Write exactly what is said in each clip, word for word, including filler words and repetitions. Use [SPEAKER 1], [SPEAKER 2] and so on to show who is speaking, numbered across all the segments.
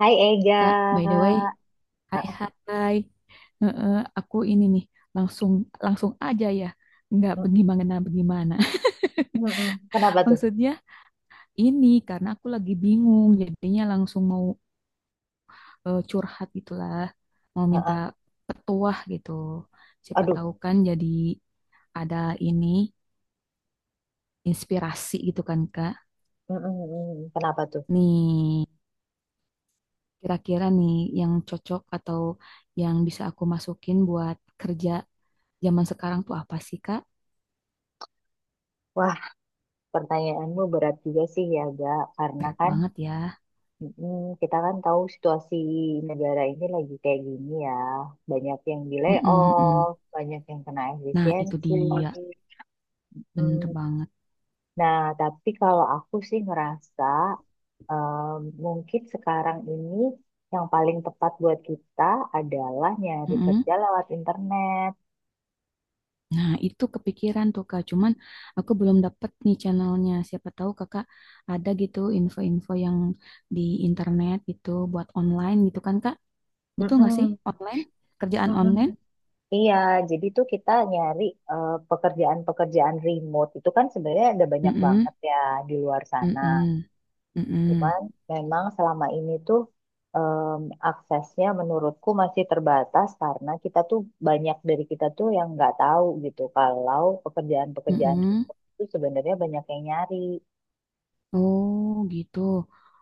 [SPEAKER 1] Hai Ega.
[SPEAKER 2] Kak, by the way, hai
[SPEAKER 1] Heeh.
[SPEAKER 2] hai. Heeh, aku ini nih langsung langsung aja ya. Nggak
[SPEAKER 1] Mm,
[SPEAKER 2] bagaimana bagaimana.
[SPEAKER 1] mm, mm. Kenapa tuh?
[SPEAKER 2] Maksudnya ini karena aku lagi bingung jadinya langsung mau eh, curhat gitulah. Mau minta
[SPEAKER 1] Heeh.
[SPEAKER 2] petuah gitu. Siapa
[SPEAKER 1] Aduh.
[SPEAKER 2] tahu kan jadi ada ini inspirasi gitu kan Kak.
[SPEAKER 1] Mm, mm, mm. Kenapa tuh?
[SPEAKER 2] Nih, kira-kira nih yang cocok atau yang bisa aku masukin buat kerja zaman sekarang tuh apa sih Kak?
[SPEAKER 1] Wah, pertanyaanmu berat juga sih ya, Ga. Karena
[SPEAKER 2] Berat
[SPEAKER 1] kan
[SPEAKER 2] banget ya.
[SPEAKER 1] mm, mm, kita kan tahu situasi negara ini lagi kayak gini ya. Banyak yang di
[SPEAKER 2] Mm-mm, mm-mm.
[SPEAKER 1] layoff, banyak yang kena
[SPEAKER 2] Nah, itu
[SPEAKER 1] efisiensi.
[SPEAKER 2] dia, bener
[SPEAKER 1] Mm.
[SPEAKER 2] banget.
[SPEAKER 1] Nah, tapi kalau aku sih ngerasa em, mungkin sekarang ini yang paling tepat buat kita adalah nyari
[SPEAKER 2] Mm-mm.
[SPEAKER 1] kerja lewat internet.
[SPEAKER 2] Nah, itu kepikiran tuh Kak, cuman aku belum dapet nih channelnya. Siapa tahu Kakak ada gitu info-info yang di internet gitu buat online gitu kan Kak? Betul nggak sih?
[SPEAKER 1] Mm-mm,
[SPEAKER 2] Online? Kerjaan
[SPEAKER 1] mm-mm.
[SPEAKER 2] online?
[SPEAKER 1] Iya, jadi tuh kita nyari eh, pekerjaan-pekerjaan remote itu kan sebenarnya ada banyak
[SPEAKER 2] Mm-mm,
[SPEAKER 1] banget ya di luar sana.
[SPEAKER 2] mm-mm, mm-mm,
[SPEAKER 1] Cuman memang selama ini tuh em, aksesnya menurutku masih terbatas karena kita tuh banyak dari kita tuh yang nggak tahu gitu kalau pekerjaan-pekerjaan
[SPEAKER 2] mm-mm.
[SPEAKER 1] remote itu sebenarnya banyak yang nyari.
[SPEAKER 2] Oh, gitu.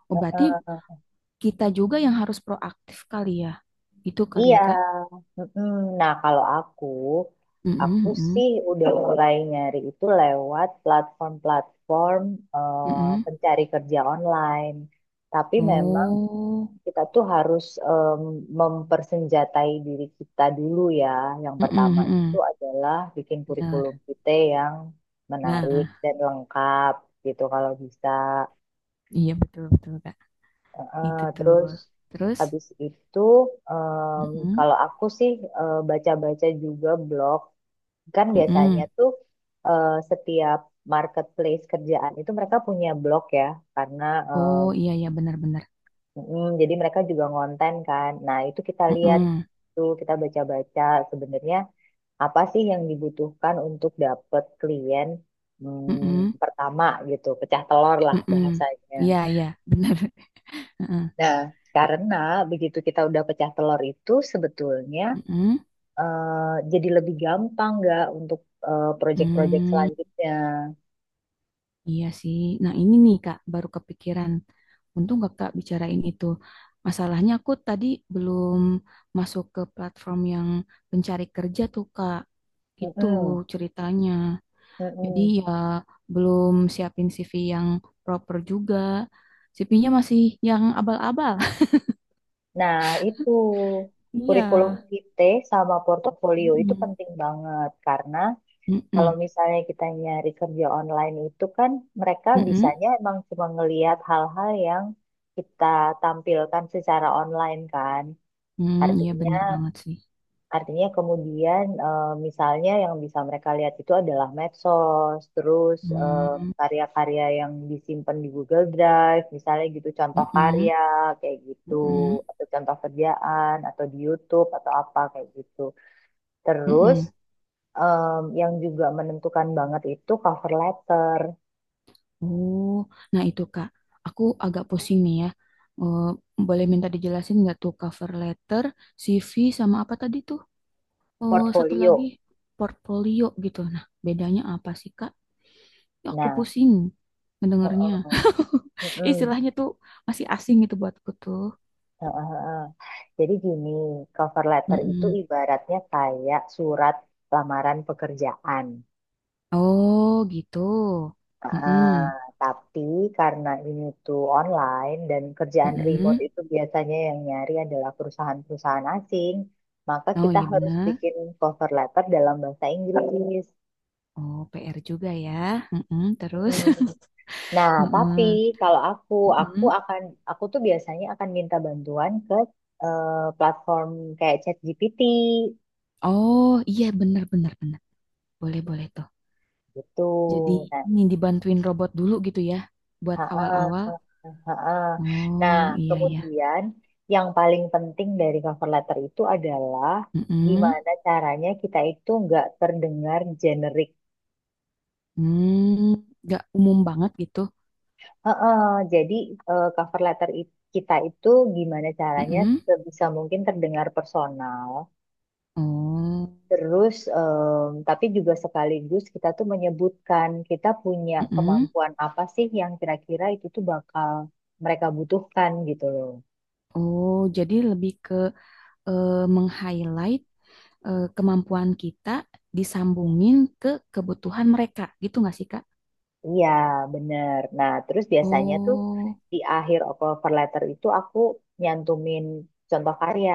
[SPEAKER 2] Oh, berarti
[SPEAKER 1] Heeh.
[SPEAKER 2] kita juga yang harus proaktif kali ya. Gitu kali
[SPEAKER 1] Iya,
[SPEAKER 2] ya Kak?
[SPEAKER 1] mm-mm. Nah kalau aku,
[SPEAKER 2] Mm-mm,
[SPEAKER 1] aku
[SPEAKER 2] mm-mm,
[SPEAKER 1] sih udah mulai nyari itu lewat platform-platform eh,
[SPEAKER 2] mm-mm.
[SPEAKER 1] pencari kerja online. Tapi memang
[SPEAKER 2] Oh.
[SPEAKER 1] kita tuh harus em, mempersenjatai diri kita dulu ya. Yang
[SPEAKER 2] Mm-mm,
[SPEAKER 1] pertama itu
[SPEAKER 2] mm-mm.
[SPEAKER 1] adalah bikin
[SPEAKER 2] Benar.
[SPEAKER 1] kurikulum kita yang menarik
[SPEAKER 2] Nah,
[SPEAKER 1] dan lengkap gitu kalau bisa.
[SPEAKER 2] iya betul-betul, Kak.
[SPEAKER 1] Heeh,
[SPEAKER 2] Itu tuh.
[SPEAKER 1] terus
[SPEAKER 2] Terus,
[SPEAKER 1] habis itu em,
[SPEAKER 2] mm-mm,
[SPEAKER 1] kalau aku sih eh, baca-baca juga blog. Kan biasanya
[SPEAKER 2] mm-mm.
[SPEAKER 1] tuh eh, setiap marketplace kerjaan itu mereka punya blog ya, karena
[SPEAKER 2] Oh, iya, iya, benar-benar.
[SPEAKER 1] em, mm, jadi mereka juga ngonten kan. Nah, itu kita lihat
[SPEAKER 2] Mm-mm,
[SPEAKER 1] tuh kita baca-baca sebenarnya apa sih yang dibutuhkan untuk dapet klien
[SPEAKER 2] mm-mm,
[SPEAKER 1] hmm, pertama gitu, pecah telur lah
[SPEAKER 2] mm-mm.
[SPEAKER 1] bahasanya.
[SPEAKER 2] Iya, iya, benar. Mm-mm,
[SPEAKER 1] Nah, karena begitu kita udah pecah telur itu sebetulnya
[SPEAKER 2] mm-mm,
[SPEAKER 1] eh, jadi lebih gampang nggak untuk eh, proyek-proyek
[SPEAKER 2] mm.
[SPEAKER 1] selanjutnya.
[SPEAKER 2] Iya sih. Nah, ini nih, Kak, baru kepikiran. Untung Kakak bicarain itu. Masalahnya aku tadi belum masuk ke platform yang pencari kerja tuh, Kak. Itu
[SPEAKER 1] Mm-mm,
[SPEAKER 2] ceritanya. Jadi
[SPEAKER 1] mm-mm.
[SPEAKER 2] ya belum siapin C V yang proper juga. C V-nya masih yang abal-abal.
[SPEAKER 1] Nah, itu
[SPEAKER 2] Iya.
[SPEAKER 1] kurikulum vitae sama portofolio itu
[SPEAKER 2] Mm-mm.
[SPEAKER 1] penting banget karena kalau
[SPEAKER 2] Mm-mm.
[SPEAKER 1] misalnya kita nyari kerja online itu kan mereka
[SPEAKER 2] Mm-mm.
[SPEAKER 1] bisanya emang cuma ngelihat hal-hal yang kita tampilkan secara online kan.
[SPEAKER 2] Mm, iya
[SPEAKER 1] Artinya
[SPEAKER 2] bener banget sih.
[SPEAKER 1] Artinya kemudian eh, misalnya yang bisa mereka lihat itu adalah medsos, terus eh,
[SPEAKER 2] Mm,
[SPEAKER 1] karya-karya yang disimpan di Google Drive, misalnya gitu contoh
[SPEAKER 2] mm-mm.
[SPEAKER 1] karya kayak gitu,
[SPEAKER 2] Mm-mm.
[SPEAKER 1] atau contoh kerjaan, atau di YouTube atau apa kayak gitu. Terus
[SPEAKER 2] Mm-mm.
[SPEAKER 1] em, yang juga menentukan banget itu cover letter,
[SPEAKER 2] Oh, nah itu Kak, aku agak pusing nih ya. Eh, boleh minta dijelasin nggak tuh cover letter, C V, sama apa tadi tuh? Oh, satu lagi
[SPEAKER 1] portfolio.
[SPEAKER 2] portfolio gitu. Nah, bedanya apa sih Kak? Ya, aku
[SPEAKER 1] Nah,
[SPEAKER 2] pusing mendengarnya.
[SPEAKER 1] heeh, heeh.
[SPEAKER 2] Istilahnya tuh masih asing gitu buatku tuh.
[SPEAKER 1] Heeh, heeh. Jadi gini, cover letter itu
[SPEAKER 2] Mm-mm.
[SPEAKER 1] ibaratnya kayak surat lamaran pekerjaan.
[SPEAKER 2] Oh gitu.
[SPEAKER 1] Heeh,
[SPEAKER 2] Mm-mm.
[SPEAKER 1] tapi karena ini tuh online dan kerjaan remote
[SPEAKER 2] Mm-mm.
[SPEAKER 1] itu biasanya yang nyari adalah perusahaan-perusahaan asing, maka
[SPEAKER 2] Oh
[SPEAKER 1] kita
[SPEAKER 2] iya
[SPEAKER 1] harus
[SPEAKER 2] bener.
[SPEAKER 1] bikin cover letter dalam bahasa Inggris.
[SPEAKER 2] Oh P R juga ya. Mm-mm. Terus.
[SPEAKER 1] Hmm. Nah, tapi
[SPEAKER 2] Mm-mm.
[SPEAKER 1] kalau aku, aku
[SPEAKER 2] Mm-mm.
[SPEAKER 1] akan, aku tuh biasanya akan minta bantuan ke eh, platform kayak ChatGPT
[SPEAKER 2] Oh iya bener bener bener. Boleh boleh tuh.
[SPEAKER 1] gitu.
[SPEAKER 2] Jadi
[SPEAKER 1] Nah.
[SPEAKER 2] ini dibantuin robot dulu gitu ya. Buat
[SPEAKER 1] Ha-ah,
[SPEAKER 2] awal-awal.
[SPEAKER 1] ha-ah. Nah,
[SPEAKER 2] Oh iya iya.
[SPEAKER 1] kemudian yang paling penting dari cover letter itu adalah
[SPEAKER 2] Mm-mm.
[SPEAKER 1] gimana caranya kita itu nggak terdengar generik.
[SPEAKER 2] Hmm, gak umum banget gitu.
[SPEAKER 1] ha Jadi eh, cover letter i- kita itu gimana caranya
[SPEAKER 2] Mm-mm.
[SPEAKER 1] sebisa mungkin terdengar personal.
[SPEAKER 2] Oh.
[SPEAKER 1] Terus, em, tapi juga sekaligus kita tuh menyebutkan kita punya
[SPEAKER 2] Mm-mm.
[SPEAKER 1] kemampuan apa sih yang kira-kira itu tuh bakal mereka butuhkan gitu loh.
[SPEAKER 2] Oh, jadi lebih ke eh, meng-highlight eh, kemampuan kita disambungin ke kebutuhan mereka, gitu nggak sih, Kak?
[SPEAKER 1] Iya, bener. Nah, terus biasanya tuh
[SPEAKER 2] Oh,
[SPEAKER 1] di akhir cover letter itu aku nyantumin contoh karya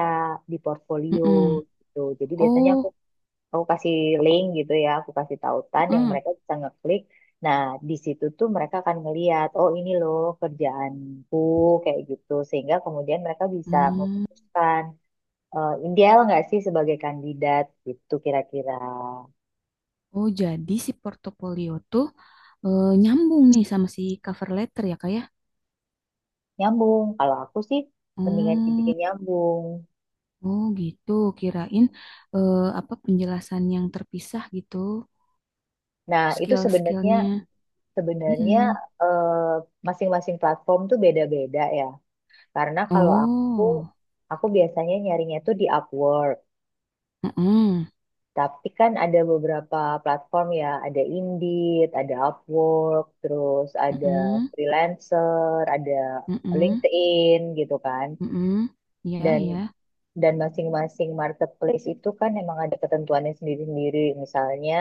[SPEAKER 1] di portfolio
[SPEAKER 2] mm-mm.
[SPEAKER 1] gitu. Jadi biasanya aku
[SPEAKER 2] Oh,
[SPEAKER 1] aku kasih link gitu ya, aku kasih tautan yang
[SPEAKER 2] mm-mm.
[SPEAKER 1] mereka bisa ngeklik. Nah, di situ tuh mereka akan ngeliat, oh ini loh kerjaanku kayak gitu. Sehingga kemudian mereka bisa
[SPEAKER 2] Hmm.
[SPEAKER 1] memutuskan, eh, ideal nggak sih sebagai kandidat gitu kira-kira.
[SPEAKER 2] Oh, jadi si portofolio tuh eh, nyambung nih sama si cover letter ya, Kak ya?
[SPEAKER 1] Nyambung, kalau aku sih mendingan
[SPEAKER 2] Hmm.
[SPEAKER 1] dibikin nyambung.
[SPEAKER 2] Oh, gitu. Kirain eh, apa penjelasan yang terpisah gitu,
[SPEAKER 1] Nah, itu sebenarnya
[SPEAKER 2] skill-skillnya.
[SPEAKER 1] sebenarnya
[SPEAKER 2] Mm-mm.
[SPEAKER 1] eh, masing-masing platform tuh beda-beda ya. Karena kalau aku
[SPEAKER 2] Oh,
[SPEAKER 1] aku biasanya nyarinya tuh di Upwork.
[SPEAKER 2] mm-mm.
[SPEAKER 1] Tapi kan ada beberapa platform ya, ada Indeed, ada Upwork, terus ada
[SPEAKER 2] Mm-mm.
[SPEAKER 1] freelancer, ada
[SPEAKER 2] Mm-mm.
[SPEAKER 1] LinkedIn gitu kan.
[SPEAKER 2] Mm-mm. Ya,
[SPEAKER 1] Dan
[SPEAKER 2] ya.
[SPEAKER 1] dan masing-masing marketplace itu kan emang ada ketentuannya sendiri-sendiri. Misalnya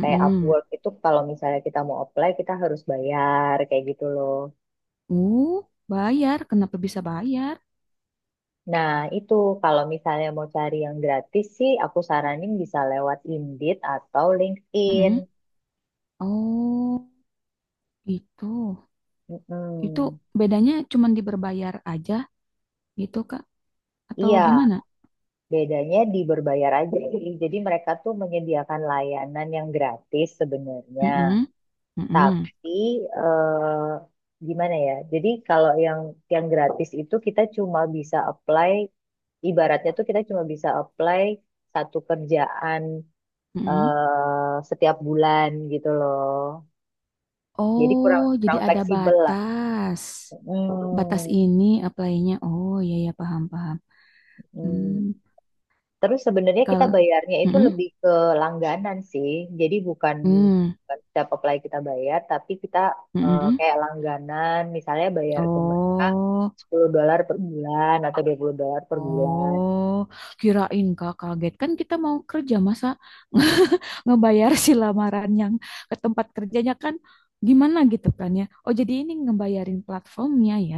[SPEAKER 1] kayak Upwork itu kalau misalnya kita mau apply kita harus bayar kayak gitu loh.
[SPEAKER 2] Oh, bayar. Kenapa bisa bayar?
[SPEAKER 1] Nah, itu kalau misalnya mau cari yang gratis sih aku saranin bisa lewat Indeed atau LinkedIn.
[SPEAKER 2] Mm-mm. Oh, gitu. Itu
[SPEAKER 1] Mm-mm.
[SPEAKER 2] bedanya cuma di berbayar aja gitu, Kak? Atau
[SPEAKER 1] Iya,
[SPEAKER 2] gimana?
[SPEAKER 1] bedanya di berbayar aja. Jadi mereka tuh menyediakan layanan yang gratis sebenarnya.
[SPEAKER 2] Mm-mm. Mm-mm.
[SPEAKER 1] Tapi eh, gimana ya? Jadi kalau yang yang gratis itu kita cuma bisa apply ibaratnya tuh kita cuma bisa apply satu kerjaan
[SPEAKER 2] Mm-mm.
[SPEAKER 1] eh, setiap bulan gitu loh. Jadi kurang
[SPEAKER 2] Oh, jadi
[SPEAKER 1] kurang
[SPEAKER 2] ada
[SPEAKER 1] fleksibel lah.
[SPEAKER 2] batas. Batas
[SPEAKER 1] Hmm,
[SPEAKER 2] ini apply-nya. Oh, iya, iya, paham, paham. Hmm.
[SPEAKER 1] hmm. Terus sebenarnya kita
[SPEAKER 2] Kalau...
[SPEAKER 1] bayarnya itu
[SPEAKER 2] Mm-mm.
[SPEAKER 1] lebih ke langganan sih. Jadi bukan
[SPEAKER 2] Mm.
[SPEAKER 1] bukan setiap apply kita bayar, tapi kita eh,
[SPEAKER 2] Mm-mm.
[SPEAKER 1] kayak langganan, misalnya bayar ke mereka
[SPEAKER 2] Oh,
[SPEAKER 1] sepuluh dolar per bulan atau dua puluh dolar per bulan.
[SPEAKER 2] oh. Kirain Kak kaget. Kan kita mau kerja, masa... ngebayar si lamaran yang ke tempat kerjanya kan gimana gitu kan ya. Oh jadi ini ngebayarin platformnya ya.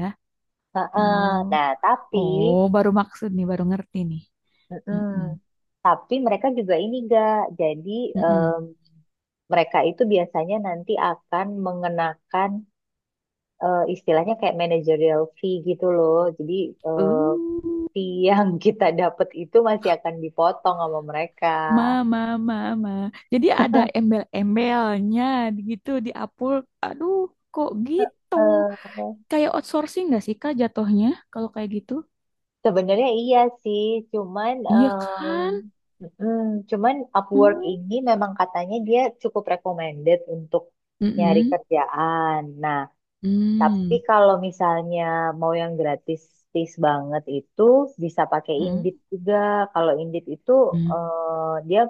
[SPEAKER 1] Heeh.
[SPEAKER 2] Oh,
[SPEAKER 1] Nah, tapi.
[SPEAKER 2] oh baru maksud nih, baru ngerti nih.
[SPEAKER 1] Mm-mm.
[SPEAKER 2] Heeh.
[SPEAKER 1] Tapi mereka juga ini gak, jadi
[SPEAKER 2] Heeh.
[SPEAKER 1] em, mereka itu biasanya nanti akan mengenakan eh, istilahnya kayak managerial fee gitu loh. Jadi eh,
[SPEAKER 2] Eh,
[SPEAKER 1] fee yang kita dapat itu masih akan dipotong sama mereka.
[SPEAKER 2] ma, ma, ma, ma. Jadi ada embel-embelnya gitu di Upwork. Aduh, kok gitu?
[SPEAKER 1] Eh,
[SPEAKER 2] Kayak outsourcing nggak sih Kak jatuhnya kalau kayak gitu?
[SPEAKER 1] sebenarnya iya sih, cuman
[SPEAKER 2] Iya kan?
[SPEAKER 1] em, mm, cuman Upwork
[SPEAKER 2] Hmm.
[SPEAKER 1] ini memang katanya dia cukup recommended untuk nyari
[SPEAKER 2] Mm-mm.
[SPEAKER 1] kerjaan. Nah. Tapi
[SPEAKER 2] Hmm.
[SPEAKER 1] kalau misalnya mau yang gratis gratis banget itu bisa pakai
[SPEAKER 2] Hmm.
[SPEAKER 1] Indeed juga. Kalau Indeed itu
[SPEAKER 2] Hmm.
[SPEAKER 1] eh, dia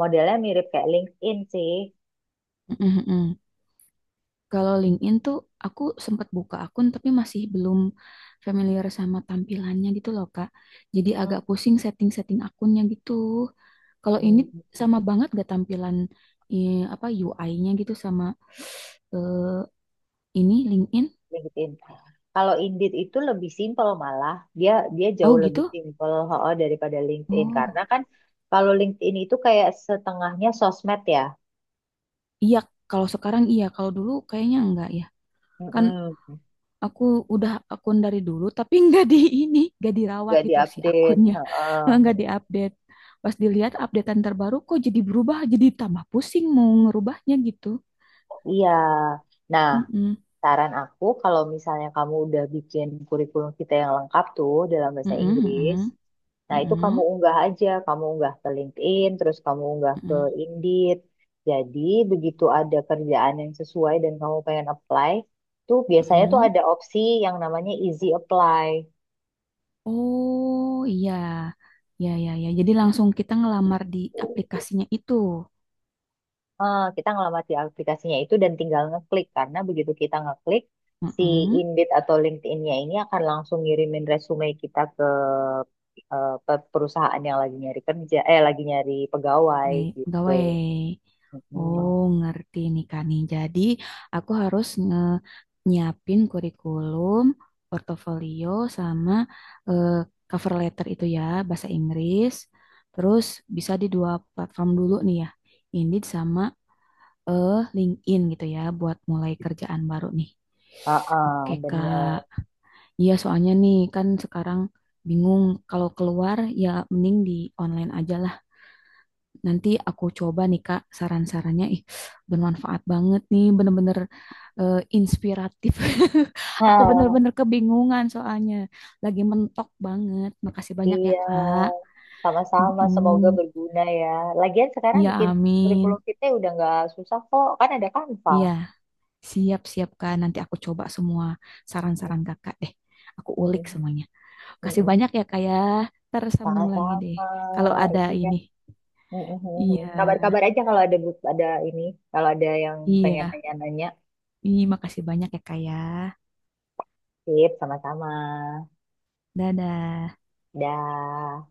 [SPEAKER 1] modelnya mirip kayak LinkedIn sih.
[SPEAKER 2] Mm-mm. Kalau LinkedIn tuh aku sempat buka akun tapi masih belum familiar sama tampilannya gitu loh Kak. Jadi
[SPEAKER 1] Mm,
[SPEAKER 2] agak pusing setting-setting akunnya gitu. Kalau ini
[SPEAKER 1] mm,
[SPEAKER 2] sama banget gak tampilan eh, apa U I-nya gitu sama eh, ini LinkedIn?
[SPEAKER 1] LinkedIn. Kalau Indeed itu lebih simpel malah. Dia dia jauh
[SPEAKER 2] Oh
[SPEAKER 1] lebih
[SPEAKER 2] gitu?
[SPEAKER 1] simpel oh, daripada LinkedIn karena
[SPEAKER 2] Oh
[SPEAKER 1] kan kalau LinkedIn itu kayak setengahnya sosmed ya.
[SPEAKER 2] iya. Kalau sekarang iya. Kalau dulu kayaknya enggak ya. Kan
[SPEAKER 1] Mm-mm.
[SPEAKER 2] aku udah akun dari dulu, tapi nggak di ini, nggak dirawat
[SPEAKER 1] Nggak
[SPEAKER 2] gitu si
[SPEAKER 1] diupdate.
[SPEAKER 2] akunnya, nggak
[SPEAKER 1] Heeh.
[SPEAKER 2] diupdate. Pas dilihat updatean terbaru, kok jadi berubah, jadi tambah pusing mau ngerubahnya gitu.
[SPEAKER 1] Iya. Nah,
[SPEAKER 2] Mm-mm.
[SPEAKER 1] saran aku, kalau misalnya kamu udah bikin kurikulum kita yang lengkap tuh dalam bahasa
[SPEAKER 2] Mm-mm,
[SPEAKER 1] Inggris,
[SPEAKER 2] mm-mm,
[SPEAKER 1] nah itu kamu
[SPEAKER 2] mm-mm,
[SPEAKER 1] unggah aja, kamu unggah ke LinkedIn, terus kamu unggah ke
[SPEAKER 2] mm-mm,
[SPEAKER 1] Indeed. Jadi begitu ada kerjaan yang sesuai dan kamu pengen apply, tuh biasanya tuh
[SPEAKER 2] mm-mm.
[SPEAKER 1] ada opsi yang namanya easy apply.
[SPEAKER 2] Oh iya, ya ya ya. Jadi langsung kita ngelamar di aplikasinya itu.
[SPEAKER 1] Eh, kita ngelamat di aplikasinya itu dan tinggal ngeklik karena begitu kita ngeklik si
[SPEAKER 2] Mm-mm.
[SPEAKER 1] Indeed atau LinkedIn-nya ini akan langsung ngirimin resume kita ke eh, pe- perusahaan yang lagi nyari kerja eh lagi nyari pegawai
[SPEAKER 2] Pegawai,
[SPEAKER 1] gitu.
[SPEAKER 2] pegawai.
[SPEAKER 1] Hmm.
[SPEAKER 2] Oh, ngerti nih Kak nih. Jadi, aku harus nge nyiapin kurikulum, portofolio, sama eh, cover letter itu ya, bahasa Inggris. Terus bisa di dua platform dulu nih ya, Indeed sama eh LinkedIn gitu ya, buat mulai kerjaan baru nih. Oke
[SPEAKER 1] Heeh,
[SPEAKER 2] Kak,
[SPEAKER 1] bener.
[SPEAKER 2] iya soalnya nih kan sekarang bingung kalau keluar ya mending di online aja. Nanti aku coba nih Kak saran-sarannya. Ih, bermanfaat banget nih, bener-bener eh, inspiratif. Aku
[SPEAKER 1] Hah,
[SPEAKER 2] bener-bener kebingungan soalnya. Lagi mentok banget. Makasih banyak ya
[SPEAKER 1] iya,
[SPEAKER 2] Kak.
[SPEAKER 1] sama-sama. Semoga
[SPEAKER 2] Mm-mm.
[SPEAKER 1] berguna ya. Lagian sekarang
[SPEAKER 2] Iya,
[SPEAKER 1] bikin kurikulum
[SPEAKER 2] amin.
[SPEAKER 1] kita udah nggak susah kok, kan ada Canva.
[SPEAKER 2] Iya, siap-siap Kak. Nanti aku coba semua
[SPEAKER 1] Mm,
[SPEAKER 2] saran-saran Kakak deh. Aku
[SPEAKER 1] mm,
[SPEAKER 2] ulik semuanya.
[SPEAKER 1] mm,
[SPEAKER 2] Kasih
[SPEAKER 1] mm.
[SPEAKER 2] banyak ya Kak ya. Tersambung lagi deh.
[SPEAKER 1] Sama-sama,
[SPEAKER 2] Kalau ada
[SPEAKER 1] iya.
[SPEAKER 2] ini.
[SPEAKER 1] Mm, mm, mm, mm.
[SPEAKER 2] Iya,
[SPEAKER 1] Kabar-kabar aja kalau ada but- ada ini, kalau ada yang pengen
[SPEAKER 2] iya.
[SPEAKER 1] nanya-nanya.
[SPEAKER 2] Ih, makasih banyak ya Kak ya.
[SPEAKER 1] Sip, sama-sama.
[SPEAKER 2] Dadah.
[SPEAKER 1] Dah.